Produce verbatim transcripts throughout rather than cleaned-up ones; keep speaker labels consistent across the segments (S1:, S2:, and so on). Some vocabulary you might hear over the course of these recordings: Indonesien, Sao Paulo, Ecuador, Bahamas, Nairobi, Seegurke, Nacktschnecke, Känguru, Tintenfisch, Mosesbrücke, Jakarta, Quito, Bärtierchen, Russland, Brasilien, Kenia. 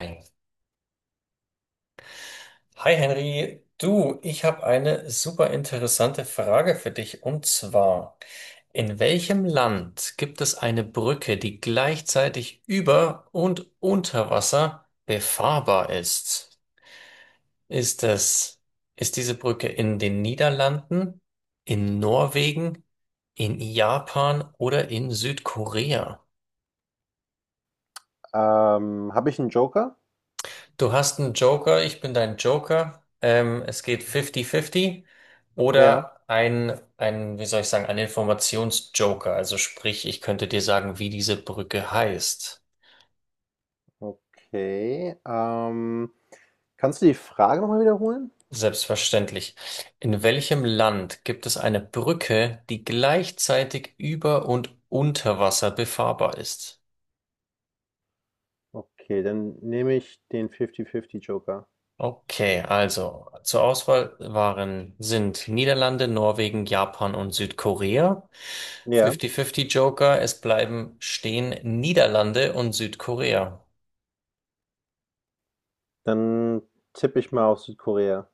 S1: Hi Henry, du, ich habe eine super interessante Frage für dich und zwar, in welchem Land gibt es eine Brücke, die gleichzeitig über und unter Wasser befahrbar ist? Ist es, ist diese Brücke in den Niederlanden, in Norwegen, in Japan oder in Südkorea?
S2: Ähm, habe ich einen Joker?
S1: Du hast einen Joker, ich bin dein Joker. Ähm, es geht fünfzig fünfzig
S2: Ja,
S1: oder ein, ein, wie soll ich sagen, ein Informationsjoker. Also sprich, ich könnte dir sagen, wie diese Brücke heißt.
S2: okay. Ähm, kannst du die Frage noch mal wiederholen?
S1: Selbstverständlich. In welchem Land gibt es eine Brücke, die gleichzeitig über und unter Wasser befahrbar ist?
S2: Okay, dann nehme ich den fünfzig fünfzig Joker.
S1: Okay, also zur Auswahl waren, sind Niederlande, Norwegen, Japan und Südkorea.
S2: Ja,
S1: fünfzig fünfzig Joker, es bleiben stehen Niederlande und Südkorea.
S2: dann tippe ich mal auf Südkorea.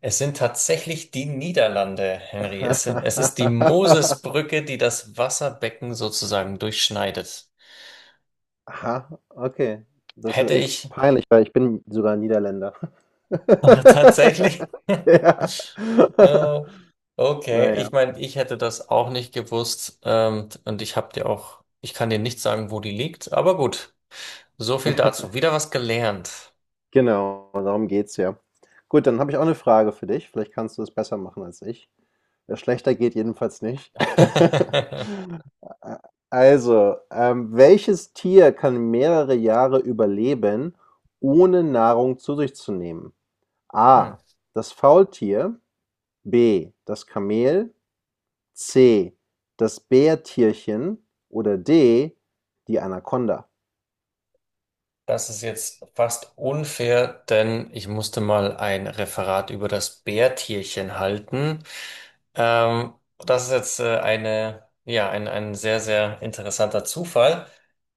S1: Es sind tatsächlich die Niederlande, Henry. Es sind, es ist die Mosesbrücke, die das Wasserbecken sozusagen durchschneidet.
S2: Aha, okay. Das
S1: Hätte
S2: ist echt
S1: ich
S2: peinlich, weil ich bin sogar Niederländer.
S1: ach, tatsächlich?
S2: Ja.
S1: Äh, Okay,
S2: Na ja.
S1: ich meine, ich hätte das auch nicht gewusst, ähm, und ich habe dir auch, ich kann dir nicht sagen, wo die liegt, aber gut, so viel dazu. Wieder was gelernt.
S2: Genau, darum geht's ja. Gut, dann habe ich auch eine Frage für dich. Vielleicht kannst du es besser machen als ich. Äh, schlechter geht jedenfalls nicht. Also, ähm, welches Tier kann mehrere Jahre überleben, ohne Nahrung zu sich zu nehmen?
S1: Hm.
S2: A: Das Faultier, B: das Kamel, C: das Bärtierchen oder D: die Anaconda?
S1: Das ist jetzt fast unfair, denn ich musste mal ein Referat über das Bärtierchen halten. Ähm, Das ist jetzt äh, eine, ja, ein, ein sehr, sehr interessanter Zufall.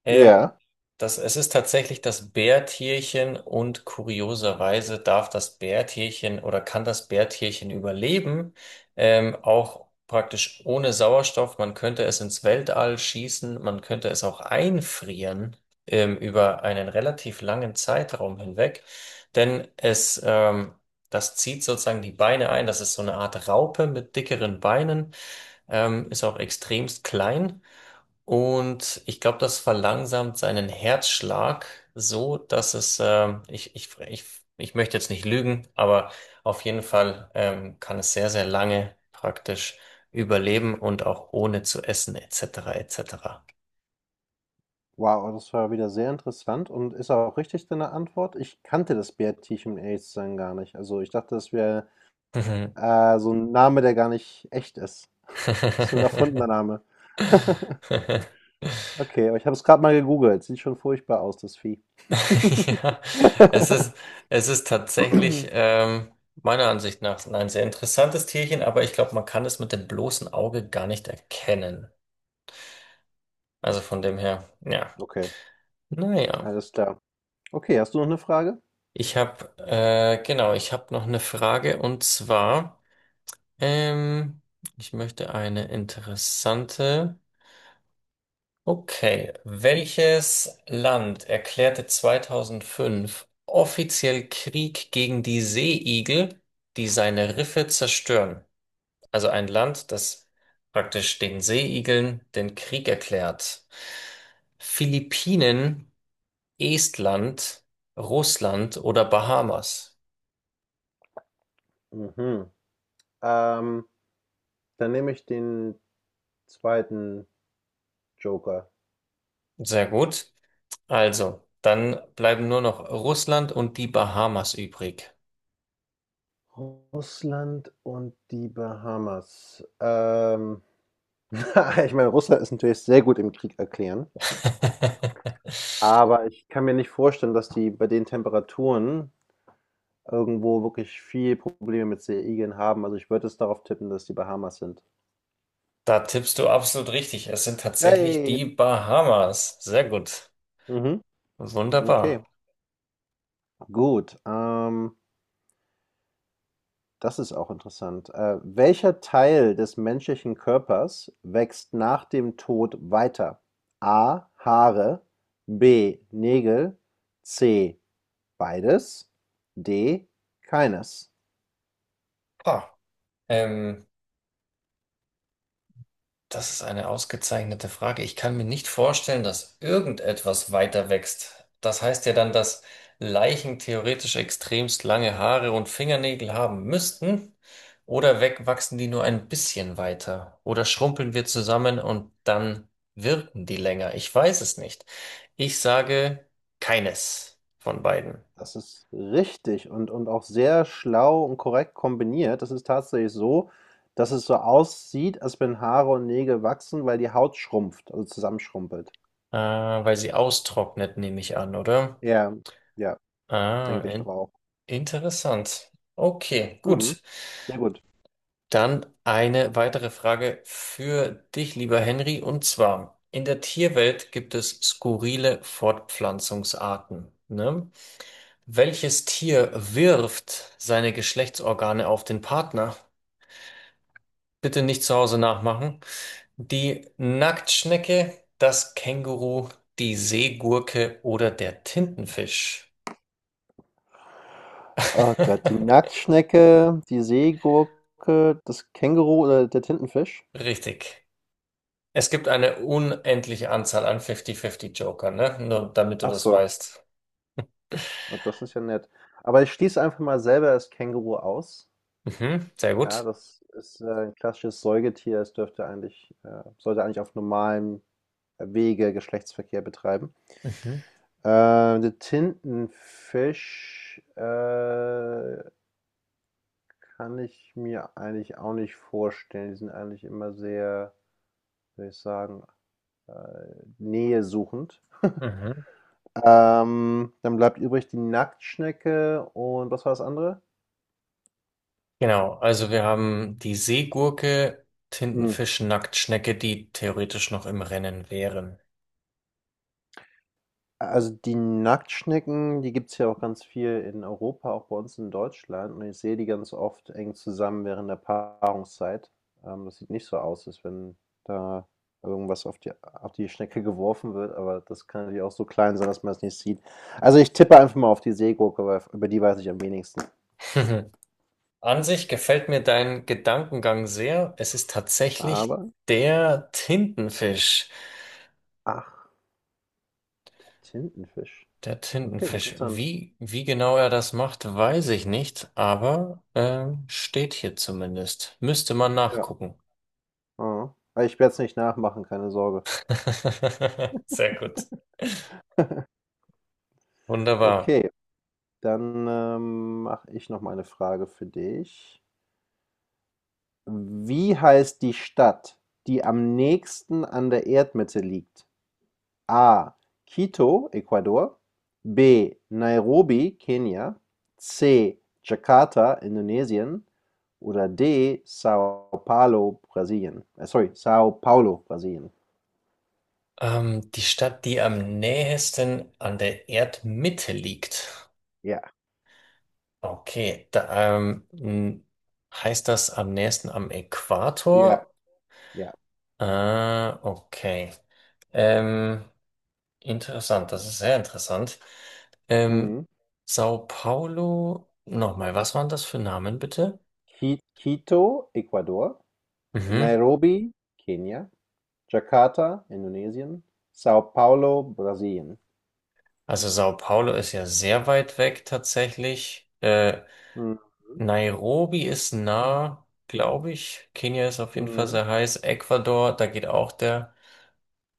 S1: Ähm,
S2: Ja.
S1: das, es ist tatsächlich das Bärtierchen und kurioserweise darf das Bärtierchen oder kann das Bärtierchen überleben, ähm, auch praktisch ohne Sauerstoff. Man könnte es ins Weltall schießen, man könnte es auch einfrieren, ähm, über einen relativ langen Zeitraum hinweg, denn es, ähm, das zieht sozusagen die Beine ein. Das ist so eine Art Raupe mit dickeren Beinen, ähm, ist auch extremst klein und ich glaube, das verlangsamt seinen Herzschlag so, dass es, ähm, ich, ich, ich, ich möchte jetzt nicht lügen, aber auf jeden Fall, ähm, kann es sehr, sehr lange praktisch überleben und auch ohne zu essen et cetera et cetera.
S2: Wow, das war wieder sehr interessant und ist auch richtig deine Antwort. Ich kannte das Bärtierchen, um ehrlich zu sein, gar nicht. Also ich dachte, das wäre
S1: Mhm.
S2: äh, so ein Name, der gar nicht echt ist. So ein erfundener Name. Okay, aber ich habe es gerade mal gegoogelt. Sieht schon furchtbar aus, das Vieh.
S1: Ja, es ist, es ist tatsächlich, ähm, meiner Ansicht nach ein sehr interessantes Tierchen, aber ich glaube, man kann es mit dem bloßen Auge gar nicht erkennen. Also von dem her, ja,
S2: Okay,
S1: naja.
S2: alles klar. Okay, hast du noch eine Frage?
S1: Ich habe, äh, genau, ich habe noch eine Frage und zwar, ähm, ich möchte eine interessante. Okay, welches Land erklärte zweitausendfünf offiziell Krieg gegen die Seeigel, die seine Riffe zerstören? Also ein Land, das praktisch den Seeigeln den Krieg erklärt. Philippinen, Estland, Russland oder Bahamas?
S2: Mhm. Ähm, dann nehme ich den zweiten Joker.
S1: Sehr gut. Also, dann bleiben nur noch Russland und die Bahamas übrig.
S2: Russland und die Bahamas. Ähm, ich meine, Russland ist natürlich sehr gut im Krieg erklären, aber ich kann mir nicht vorstellen, dass die bei den Temperaturen irgendwo wirklich viel Probleme mit Seeigeln haben. Also ich würde es darauf tippen, dass die Bahamas sind.
S1: Da tippst du absolut richtig. Es sind tatsächlich
S2: Hey!
S1: die Bahamas. Sehr gut.
S2: Mhm.
S1: Wunderbar.
S2: Okay, gut. Ähm, das ist auch interessant. Äh, welcher Teil des menschlichen Körpers wächst nach dem Tod weiter? A. Haare. B. Nägel. C. Beides. D. Keines.
S1: Ah, ähm, das ist eine ausgezeichnete Frage. Ich kann mir nicht vorstellen, dass irgendetwas weiter wächst. Das heißt ja dann, dass Leichen theoretisch extremst lange Haare und Fingernägel haben müssten. Oder wegwachsen die nur ein bisschen weiter? Oder schrumpeln wir zusammen und dann wirken die länger? Ich weiß es nicht. Ich sage keines von beiden.
S2: Das ist richtig und, und auch sehr schlau und korrekt kombiniert. Das ist tatsächlich so, dass es so aussieht, als wenn Haare und Nägel wachsen, weil die Haut schrumpft, also zusammenschrumpelt.
S1: Ah, weil sie austrocknet, nehme ich an, oder?
S2: Ja, ja,
S1: Ah,
S2: denke ich doch
S1: in
S2: auch.
S1: interessant. Okay,
S2: Mhm,
S1: gut.
S2: sehr gut.
S1: Dann eine weitere Frage für dich, lieber Henry, und zwar, in der Tierwelt gibt es skurrile Fortpflanzungsarten, ne? Welches Tier wirft seine Geschlechtsorgane auf den Partner? Bitte nicht zu Hause nachmachen. Die Nacktschnecke, das Känguru, die Seegurke oder der Tintenfisch?
S2: Oh Gott, die Nacktschnecke, die Seegurke, das Känguru oder der Tintenfisch?
S1: Richtig. Es gibt eine unendliche Anzahl an fünfzig fünfzig-Joker, ne? Nur damit du
S2: Ach
S1: das
S2: so,
S1: weißt.
S2: na, das ist ja nett. Aber ich schließe einfach mal selber das Känguru aus.
S1: Mhm, sehr
S2: Ja,
S1: gut.
S2: das ist äh, ein klassisches Säugetier. Es dürfte eigentlich, äh, sollte eigentlich auf normalem Wege Geschlechtsverkehr betreiben.
S1: Mhm,
S2: Äh, Der Tintenfisch äh, kann ich mir eigentlich auch nicht vorstellen. Die sind eigentlich immer sehr, würde ich sagen, äh, nähesuchend.
S1: mhm.
S2: Ähm, dann bleibt übrig die Nacktschnecke und was war das andere?
S1: Genau, also wir haben die Seegurke,
S2: Hm.
S1: Tintenfisch, Nacktschnecke, die theoretisch noch im Rennen wären.
S2: Also die Nacktschnecken, die gibt es ja auch ganz viel in Europa, auch bei uns in Deutschland. Und ich sehe die ganz oft eng zusammen während der Paarungszeit. Ähm, das sieht nicht so aus, als wenn da irgendwas auf die, auf die Schnecke geworfen wird, aber das kann natürlich auch so klein sein, dass man es nicht sieht. Also ich tippe einfach mal auf die Seegurke, weil über die weiß ich am wenigsten.
S1: An sich gefällt mir dein Gedankengang sehr. Es ist tatsächlich
S2: Aber,
S1: der Tintenfisch.
S2: ach, Tintenfisch.
S1: Der
S2: Okay,
S1: Tintenfisch.
S2: interessant.
S1: Wie, wie genau er das macht, weiß ich nicht, aber ähm, steht hier zumindest. Müsste man
S2: Ja.
S1: nachgucken.
S2: Mhm. Aber ich werde es nicht nachmachen, keine Sorge.
S1: Sehr gut. Wunderbar.
S2: Okay. Dann, ähm, mache ich noch mal eine Frage für dich. Wie heißt die Stadt, die am nächsten an der Erdmitte liegt? A: Quito, Ecuador, B: Nairobi, Kenia, C: Jakarta, Indonesien oder D: Sao Paulo, Brasilien. Äh, sorry, Sao Paulo, Brasilien.
S1: Ähm, die Stadt, die am nähesten an der Erdmitte liegt.
S2: Ja,
S1: Okay, da, ähm, n- heißt das am nächsten am
S2: ja,
S1: Äquator?
S2: ja.
S1: Äh, okay. Ähm, Interessant, das ist sehr interessant. Ähm,
S2: Mhm.
S1: Sao Paulo, nochmal, was waren das für Namen bitte?
S2: Qui Quito, Ecuador,
S1: Mhm.
S2: Nairobi, Kenia, Jakarta, Indonesien, Sao Paulo, Brasilien.
S1: Also Sao Paulo ist ja sehr weit weg tatsächlich. Äh,
S2: Mhm,
S1: Nairobi ist nah, glaube ich. Kenia ist auf jeden Fall
S2: mhm.
S1: sehr heiß. Ecuador, da geht auch der.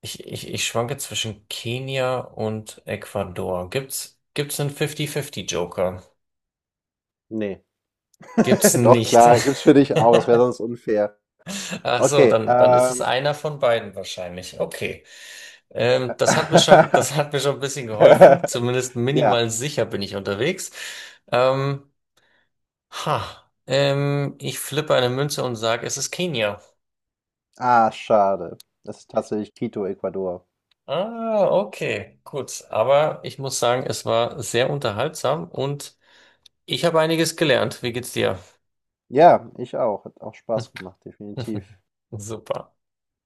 S1: Ich, ich, ich schwanke zwischen Kenia und Ecuador. Gibt's, gibt's einen fünfzig fünfzig Joker?
S2: Ne.
S1: Gibt's
S2: Doch,
S1: nicht.
S2: klar, gibt's für dich auch, das wäre sonst unfair.
S1: Ach so,
S2: Okay,
S1: dann, dann ist es
S2: ähm.
S1: einer von beiden wahrscheinlich. Okay. Ähm, das hat mir schon, das hat mir schon ein bisschen geholfen. Zumindest
S2: Ja.
S1: minimal sicher bin ich unterwegs. Ähm, ha, ähm, ich flippe eine Münze und sage, es ist Kenia.
S2: Ah, schade. Das ist tatsächlich Quito, Ecuador.
S1: Ah, okay, gut. Aber ich muss sagen, es war sehr unterhaltsam und ich habe einiges gelernt. Wie geht's dir?
S2: Ja, ich auch. Hat auch Spaß gemacht, definitiv.
S1: Super.